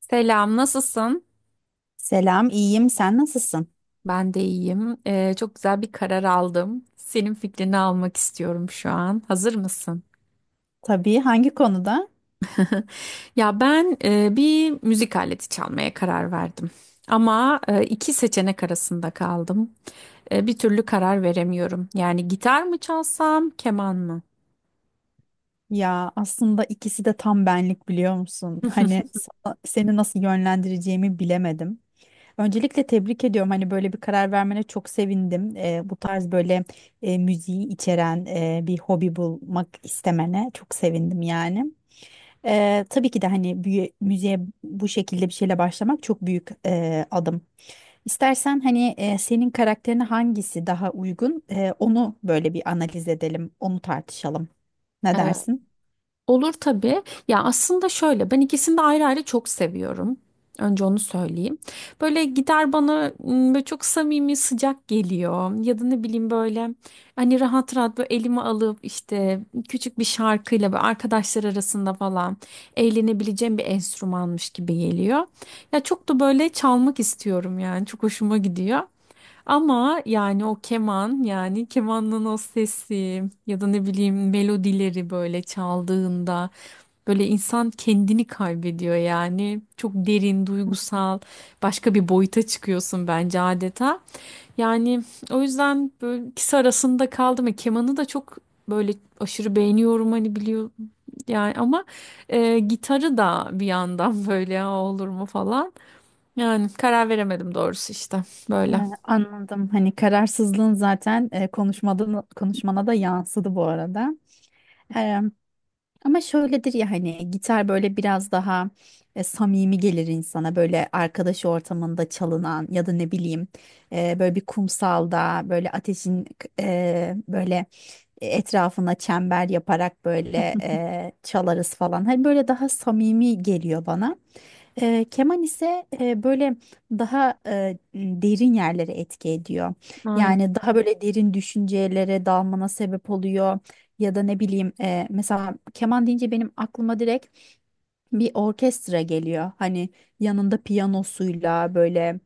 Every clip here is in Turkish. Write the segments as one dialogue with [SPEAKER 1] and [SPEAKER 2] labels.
[SPEAKER 1] Selam, nasılsın?
[SPEAKER 2] Selam, iyiyim. Sen nasılsın?
[SPEAKER 1] Ben de iyiyim. Çok güzel bir karar aldım. Senin fikrini almak istiyorum şu an. Hazır mısın?
[SPEAKER 2] Tabii, hangi konuda?
[SPEAKER 1] Ya ben bir müzik aleti çalmaya karar verdim. Ama iki seçenek arasında kaldım. Bir türlü karar veremiyorum. Yani gitar mı çalsam, keman mı?
[SPEAKER 2] Ya aslında ikisi de tam benlik biliyor musun? Seni nasıl yönlendireceğimi bilemedim. Öncelikle tebrik ediyorum. Hani böyle bir karar vermene çok sevindim. Bu tarz böyle müziği içeren bir hobi bulmak istemene çok sevindim yani. Tabii ki de hani müziğe bu şekilde bir şeyle başlamak çok büyük adım. İstersen hani senin karakterine hangisi daha uygun, onu böyle bir analiz edelim, onu tartışalım. Ne
[SPEAKER 1] Ee,
[SPEAKER 2] dersin?
[SPEAKER 1] Olur tabii. Ya aslında şöyle ben ikisini de ayrı ayrı çok seviyorum. Önce onu söyleyeyim. Böyle gider bana böyle çok samimi sıcak geliyor. Ya da ne bileyim böyle hani rahat rahat böyle elime alıp işte küçük bir şarkıyla böyle arkadaşlar arasında falan eğlenebileceğim bir enstrümanmış gibi geliyor. Ya çok da böyle çalmak istiyorum yani çok hoşuma gidiyor. Ama yani o keman yani kemanın o sesi ya da ne bileyim melodileri böyle çaldığında böyle insan kendini kaybediyor yani çok derin duygusal başka bir boyuta çıkıyorsun bence adeta. Yani o yüzden böyle ikisi arasında kaldım ve kemanı da çok böyle aşırı beğeniyorum hani biliyor yani ama gitarı da bir yandan böyle "Aa, olur mu falan yani karar veremedim doğrusu işte
[SPEAKER 2] Ee,
[SPEAKER 1] böyle.
[SPEAKER 2] Anladım. Hani kararsızlığın zaten konuşmana da yansıdı bu arada. Ama şöyledir ya, hani gitar böyle biraz daha samimi gelir insana, böyle arkadaş ortamında çalınan, ya da ne bileyim böyle bir kumsalda böyle ateşin e, böyle etrafına çember yaparak böyle çalarız falan. Hani böyle daha samimi geliyor bana. E, keman ise böyle daha derin yerlere etki ediyor.
[SPEAKER 1] Aynen.
[SPEAKER 2] Yani daha böyle derin düşüncelere dalmana sebep oluyor. Ya da ne bileyim, mesela keman deyince benim aklıma direkt bir orkestra geliyor. Hani yanında piyanosuyla böyle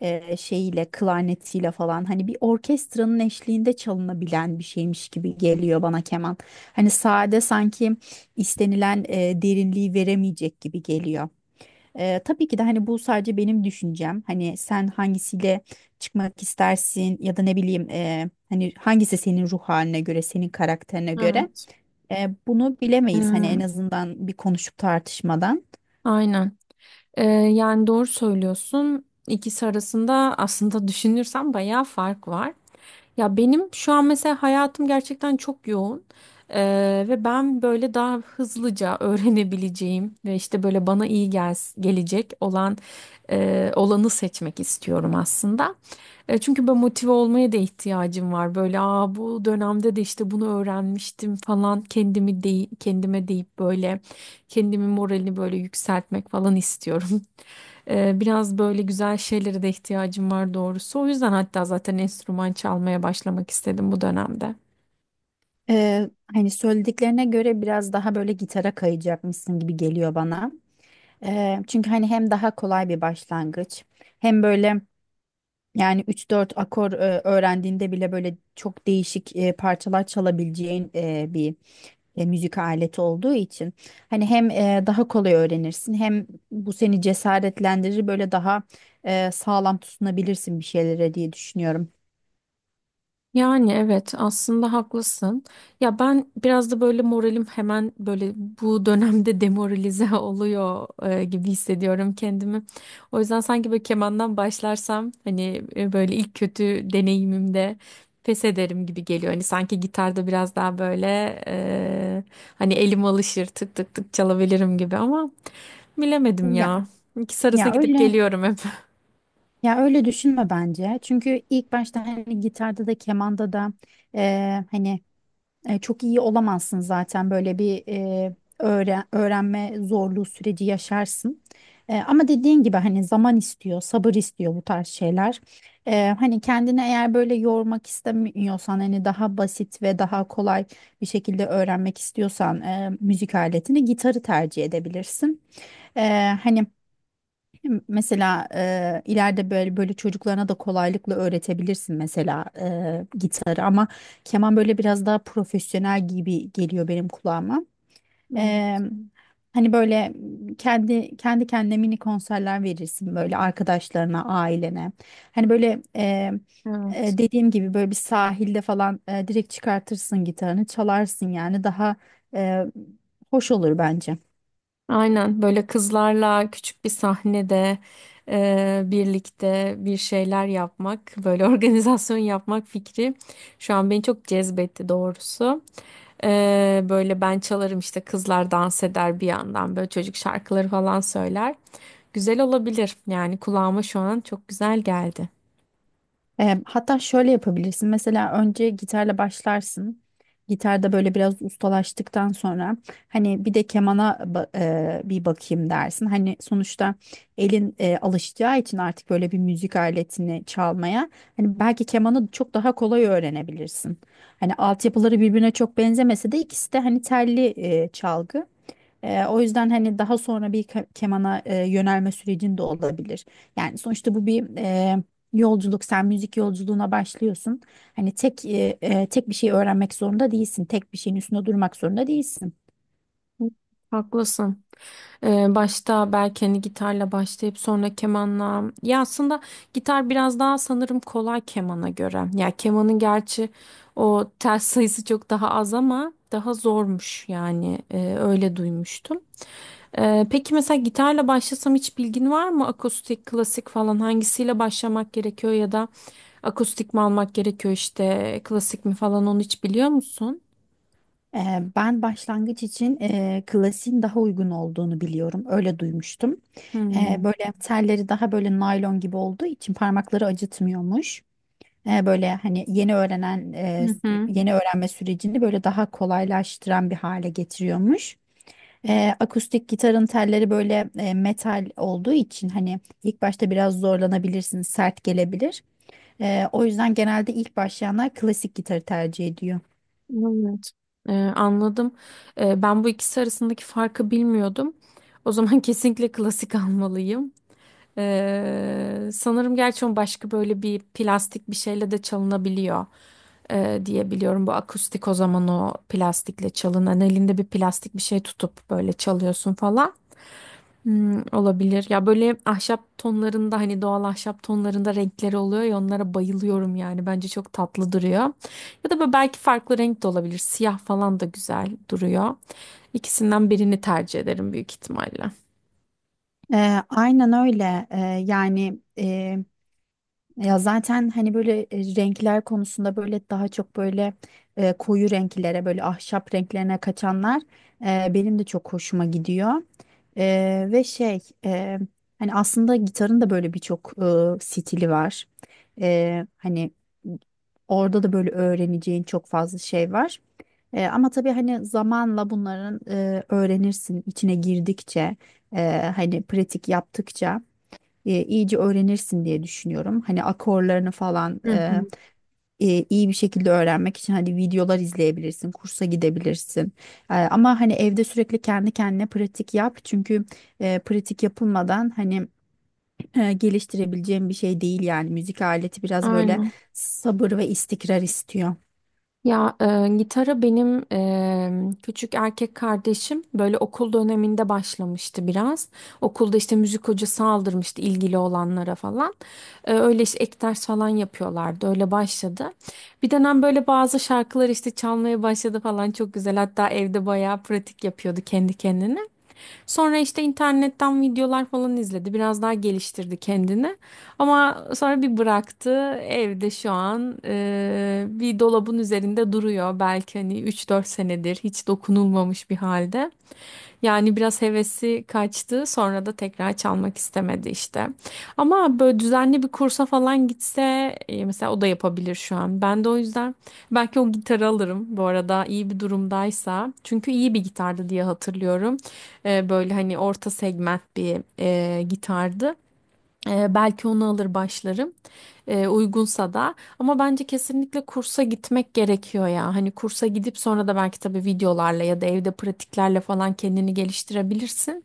[SPEAKER 2] e, şeyiyle klarnetiyle falan, hani bir orkestranın eşliğinde çalınabilen bir şeymiş gibi geliyor bana keman. Hani sade sanki istenilen derinliği veremeyecek gibi geliyor. Tabii ki de hani bu sadece benim düşüncem. Hani sen hangisiyle çıkmak istersin, ya da ne bileyim, hani hangisi senin ruh haline göre, senin karakterine göre.
[SPEAKER 1] Evet.
[SPEAKER 2] E, bunu bilemeyiz hani,
[SPEAKER 1] Hmm,
[SPEAKER 2] en azından bir konuşup tartışmadan.
[SPEAKER 1] aynen. Yani doğru söylüyorsun. İkisi arasında aslında düşünürsem bayağı fark var. Ya benim şu an mesela hayatım gerçekten çok yoğun. Ve ben böyle daha hızlıca öğrenebileceğim ve işte böyle bana iyi gelecek olanı seçmek istiyorum aslında. Çünkü ben motive olmaya da ihtiyacım var. Böyle aa bu dönemde de işte bunu öğrenmiştim falan kendimi dey kendime deyip böyle kendimi moralini böyle yükseltmek falan istiyorum. Biraz böyle güzel şeylere de ihtiyacım var doğrusu. O yüzden hatta zaten enstrüman çalmaya başlamak istedim bu dönemde.
[SPEAKER 2] E, hani söylediklerine göre biraz daha böyle gitara kayacakmışsın gibi geliyor bana. E, çünkü hani hem daha kolay bir başlangıç, hem böyle, yani üç dört akor öğrendiğinde bile böyle çok değişik parçalar çalabileceğin bir müzik aleti olduğu için, hani hem daha kolay öğrenirsin, hem bu seni cesaretlendirir, böyle daha sağlam tutunabilirsin bir şeylere diye düşünüyorum.
[SPEAKER 1] Yani evet aslında haklısın. Ya ben biraz da böyle moralim hemen böyle bu dönemde demoralize oluyor gibi hissediyorum kendimi. O yüzden sanki böyle kemandan başlarsam hani böyle ilk kötü deneyimimde pes ederim gibi geliyor. Hani sanki gitarda biraz daha böyle e, hani elim alışır tık tık tık çalabilirim gibi ama bilemedim
[SPEAKER 2] Ya
[SPEAKER 1] ya. İkisi arasına
[SPEAKER 2] ya
[SPEAKER 1] gidip
[SPEAKER 2] öyle
[SPEAKER 1] geliyorum hep.
[SPEAKER 2] ya, öyle düşünme bence. Çünkü ilk başta hani gitarda da kemanda da, e, hani çok iyi olamazsın zaten, böyle bir öğrenme zorluğu süreci yaşarsın. E, ama dediğin gibi hani zaman istiyor, sabır istiyor bu tarz şeyler. E, hani kendini eğer böyle yormak istemiyorsan, hani daha basit ve daha kolay bir şekilde öğrenmek istiyorsan, müzik aletini, gitarı tercih edebilirsin. E, hani Mesela, ileride böyle böyle çocuklarına da kolaylıkla öğretebilirsin mesela, gitarı, ama keman böyle biraz daha profesyonel gibi geliyor benim kulağıma. E, hani böyle kendine mini konserler verirsin, böyle arkadaşlarına, ailene. Hani böyle e,
[SPEAKER 1] Evet.
[SPEAKER 2] Dediğim gibi, böyle bir sahilde falan direkt çıkartırsın gitarını, çalarsın, yani daha e, hoş olur bence.
[SPEAKER 1] Aynen böyle kızlarla küçük bir sahnede birlikte bir şeyler yapmak, böyle organizasyon yapmak fikri şu an beni çok cezbetti doğrusu. Böyle ben çalarım işte kızlar dans eder bir yandan böyle çocuk şarkıları falan söyler. Güzel olabilir yani kulağıma şu an çok güzel geldi.
[SPEAKER 2] E, hatta şöyle yapabilirsin. Mesela önce gitarla başlarsın. Gitarda böyle biraz ustalaştıktan sonra hani bir de kemana bir bakayım dersin. Hani sonuçta elin alışacağı için artık böyle bir müzik aletini çalmaya, hani belki kemanı çok daha kolay öğrenebilirsin. Hani altyapıları birbirine çok benzemese de, ikisi de hani telli çalgı. O yüzden hani daha sonra bir kemana yönelme sürecinde olabilir. Yani sonuçta bu bir yolculuk. Sen müzik yolculuğuna başlıyorsun. Hani tek bir şey öğrenmek zorunda değilsin. Tek bir şeyin üstünde durmak zorunda değilsin.
[SPEAKER 1] Haklısın. Başta belki hani gitarla başlayıp sonra kemanla. Ya aslında gitar biraz daha sanırım kolay kemana göre. Ya kemanın gerçi o tel sayısı çok daha az ama daha zormuş yani. Öyle duymuştum. Peki mesela gitarla başlasam hiç bilgin var mı? Akustik, klasik falan hangisiyle başlamak gerekiyor ya da akustik mi almak gerekiyor işte klasik mi falan onu hiç biliyor musun?
[SPEAKER 2] Ee, Ben başlangıç için klasiğin daha uygun olduğunu biliyorum. Öyle duymuştum.
[SPEAKER 1] Hmm.
[SPEAKER 2] Böyle telleri daha böyle naylon gibi olduğu için parmakları acıtmıyormuş. E, böyle hani
[SPEAKER 1] Hı hı.
[SPEAKER 2] yeni öğrenme sürecini böyle daha kolaylaştıran bir hale getiriyormuş. E, akustik gitarın telleri böyle metal olduğu için, hani ilk başta biraz zorlanabilirsiniz, sert gelebilir. E, o yüzden genelde ilk başlayanlar klasik gitarı tercih ediyor.
[SPEAKER 1] Evet, anladım. Ben bu ikisi arasındaki farkı bilmiyordum. O zaman kesinlikle klasik almalıyım. Sanırım gerçi onun başka böyle bir plastik bir şeyle de çalınabiliyor diye biliyorum. Bu akustik o zaman o plastikle çalınan elinde bir plastik bir şey tutup böyle çalıyorsun falan. Hmm, olabilir. Ya böyle ahşap tonlarında hani doğal ahşap tonlarında renkleri oluyor ya onlara bayılıyorum yani. Bence çok tatlı duruyor. Ya da böyle belki farklı renk de olabilir. Siyah falan da güzel duruyor. İkisinden birini tercih ederim büyük ihtimalle.
[SPEAKER 2] E, aynen öyle. Yani e, Ya zaten hani böyle renkler konusunda böyle daha çok böyle koyu renklere, böyle ahşap renklerine kaçanlar benim de çok hoşuma gidiyor. E, ve şey e, Hani aslında gitarın da böyle birçok stili var. E, hani orada da böyle öğreneceğin çok fazla şey var. E, ama tabii hani zamanla bunların, öğrenirsin, içine girdikçe, hani pratik yaptıkça, iyice öğrenirsin diye düşünüyorum. Hani akorlarını falan
[SPEAKER 1] Hı hı.
[SPEAKER 2] iyi bir şekilde öğrenmek için hani videolar izleyebilirsin, kursa gidebilirsin. E, ama hani evde sürekli kendi kendine pratik yap. Çünkü pratik yapılmadan hani geliştirebileceğim bir şey değil yani. Müzik aleti biraz böyle
[SPEAKER 1] Aynen.
[SPEAKER 2] sabır ve istikrar istiyor.
[SPEAKER 1] Ya gitara benim küçük erkek kardeşim böyle okul döneminde başlamıştı biraz. Okulda işte müzik hocası aldırmıştı ilgili olanlara falan. Öyle işte ek ders falan yapıyorlardı. Öyle başladı. Bir dönem böyle bazı şarkılar işte çalmaya başladı falan çok güzel. Hatta evde bayağı pratik yapıyordu kendi kendine. Sonra işte internetten videolar falan izledi. Biraz daha geliştirdi kendini. Ama sonra bir bıraktı. Evde şu an bir dolabın üzerinde duruyor. Belki hani 3-4 senedir hiç dokunulmamış bir halde. Yani biraz hevesi kaçtı, sonra da tekrar çalmak istemedi işte. Ama böyle düzenli bir kursa falan gitse mesela o da yapabilir şu an. Ben de o yüzden belki o gitarı alırım bu arada iyi bir durumdaysa. Çünkü iyi bir gitardı diye hatırlıyorum. Böyle hani orta segment bir gitardı. Belki onu alır başlarım uygunsa da ama bence kesinlikle kursa gitmek gerekiyor ya. Hani kursa gidip sonra da belki tabii videolarla ya da evde pratiklerle falan kendini geliştirebilirsin.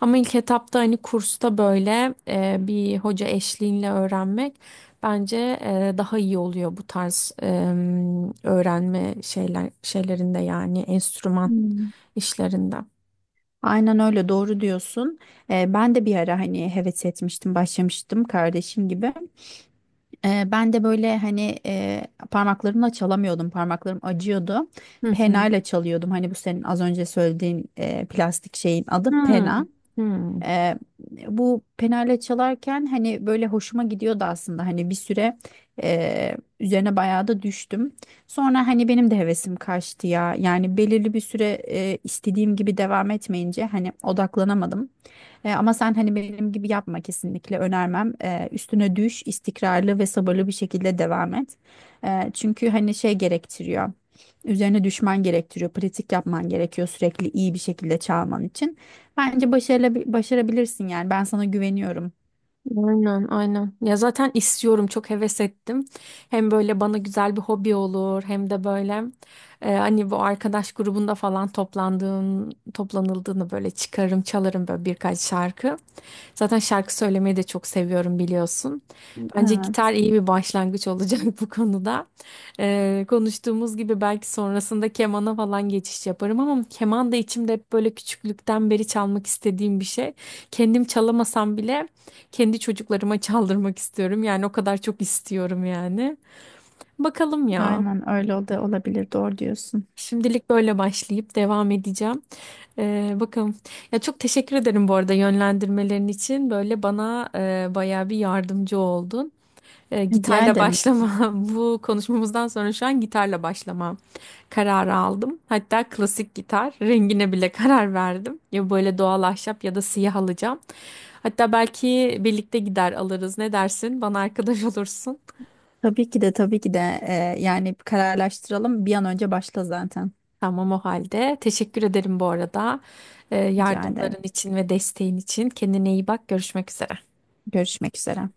[SPEAKER 1] Ama ilk etapta hani kursta böyle bir hoca eşliğinle öğrenmek bence daha iyi oluyor bu tarz öğrenme şeylerinde yani enstrüman
[SPEAKER 2] Hmm.
[SPEAKER 1] işlerinde.
[SPEAKER 2] Aynen öyle, doğru diyorsun. Ben de bir ara hani heves etmiştim, başlamıştım kardeşim gibi. Ben de böyle hani parmaklarımla çalamıyordum, parmaklarım acıyordu.
[SPEAKER 1] Hı hı.
[SPEAKER 2] Penayla çalıyordum. Hani bu senin az önce söylediğin plastik şeyin adı
[SPEAKER 1] Hmm.
[SPEAKER 2] pena.
[SPEAKER 1] Hmm.
[SPEAKER 2] Eee, Bu penale çalarken hani böyle hoşuma gidiyordu aslında, hani bir süre üzerine bayağı da düştüm. Sonra hani benim de hevesim kaçtı ya, yani belirli bir süre istediğim gibi devam etmeyince hani odaklanamadım. Ama sen hani benim gibi yapma, kesinlikle önermem. Üstüne düş, istikrarlı ve sabırlı bir şekilde devam et. Çünkü hani şey gerektiriyor, üzerine düşman gerektiriyor, pratik yapman gerekiyor sürekli, iyi bir şekilde çalman için. Bence başarılı, başarabilirsin yani. Ben sana güveniyorum.
[SPEAKER 1] Aynen, aynen. Ya zaten istiyorum, çok heves ettim. Hem böyle bana güzel bir hobi olur, hem de böyle hani bu arkadaş grubunda falan toplandığım, toplanıldığını böyle çıkarım, çalarım böyle birkaç şarkı. Zaten şarkı söylemeyi de çok seviyorum biliyorsun. Bence gitar
[SPEAKER 2] Evet.
[SPEAKER 1] iyi bir başlangıç olacak bu konuda. Konuştuğumuz gibi belki sonrasında kemana falan geçiş yaparım ama keman da içimde hep böyle küçüklükten beri çalmak istediğim bir şey. Kendim çalamasam bile kendi çocuklarıma çaldırmak istiyorum. Yani o kadar çok istiyorum yani. Bakalım ya.
[SPEAKER 2] Aynen öyle, o olabilir. Doğru diyorsun.
[SPEAKER 1] Şimdilik böyle başlayıp devam edeceğim. Bakalım. Ya çok teşekkür ederim bu arada yönlendirmelerin için. Böyle bana bayağı bir yardımcı oldun. E,
[SPEAKER 2] Rica
[SPEAKER 1] gitarla
[SPEAKER 2] ederim.
[SPEAKER 1] başlama. Bu konuşmamızdan sonra şu an gitarla başlama kararı aldım. Hatta klasik gitar rengine bile karar verdim. Ya böyle doğal ahşap ya da siyah alacağım. Hatta belki birlikte gider alırız. Ne dersin? Bana arkadaş olursun.
[SPEAKER 2] Tabii ki de, yani kararlaştıralım. Bir an önce başla zaten.
[SPEAKER 1] Tamam o halde. Teşekkür ederim bu arada. E,
[SPEAKER 2] Rica ederim.
[SPEAKER 1] yardımların için ve desteğin için. Kendine iyi bak. Görüşmek üzere.
[SPEAKER 2] Görüşmek üzere.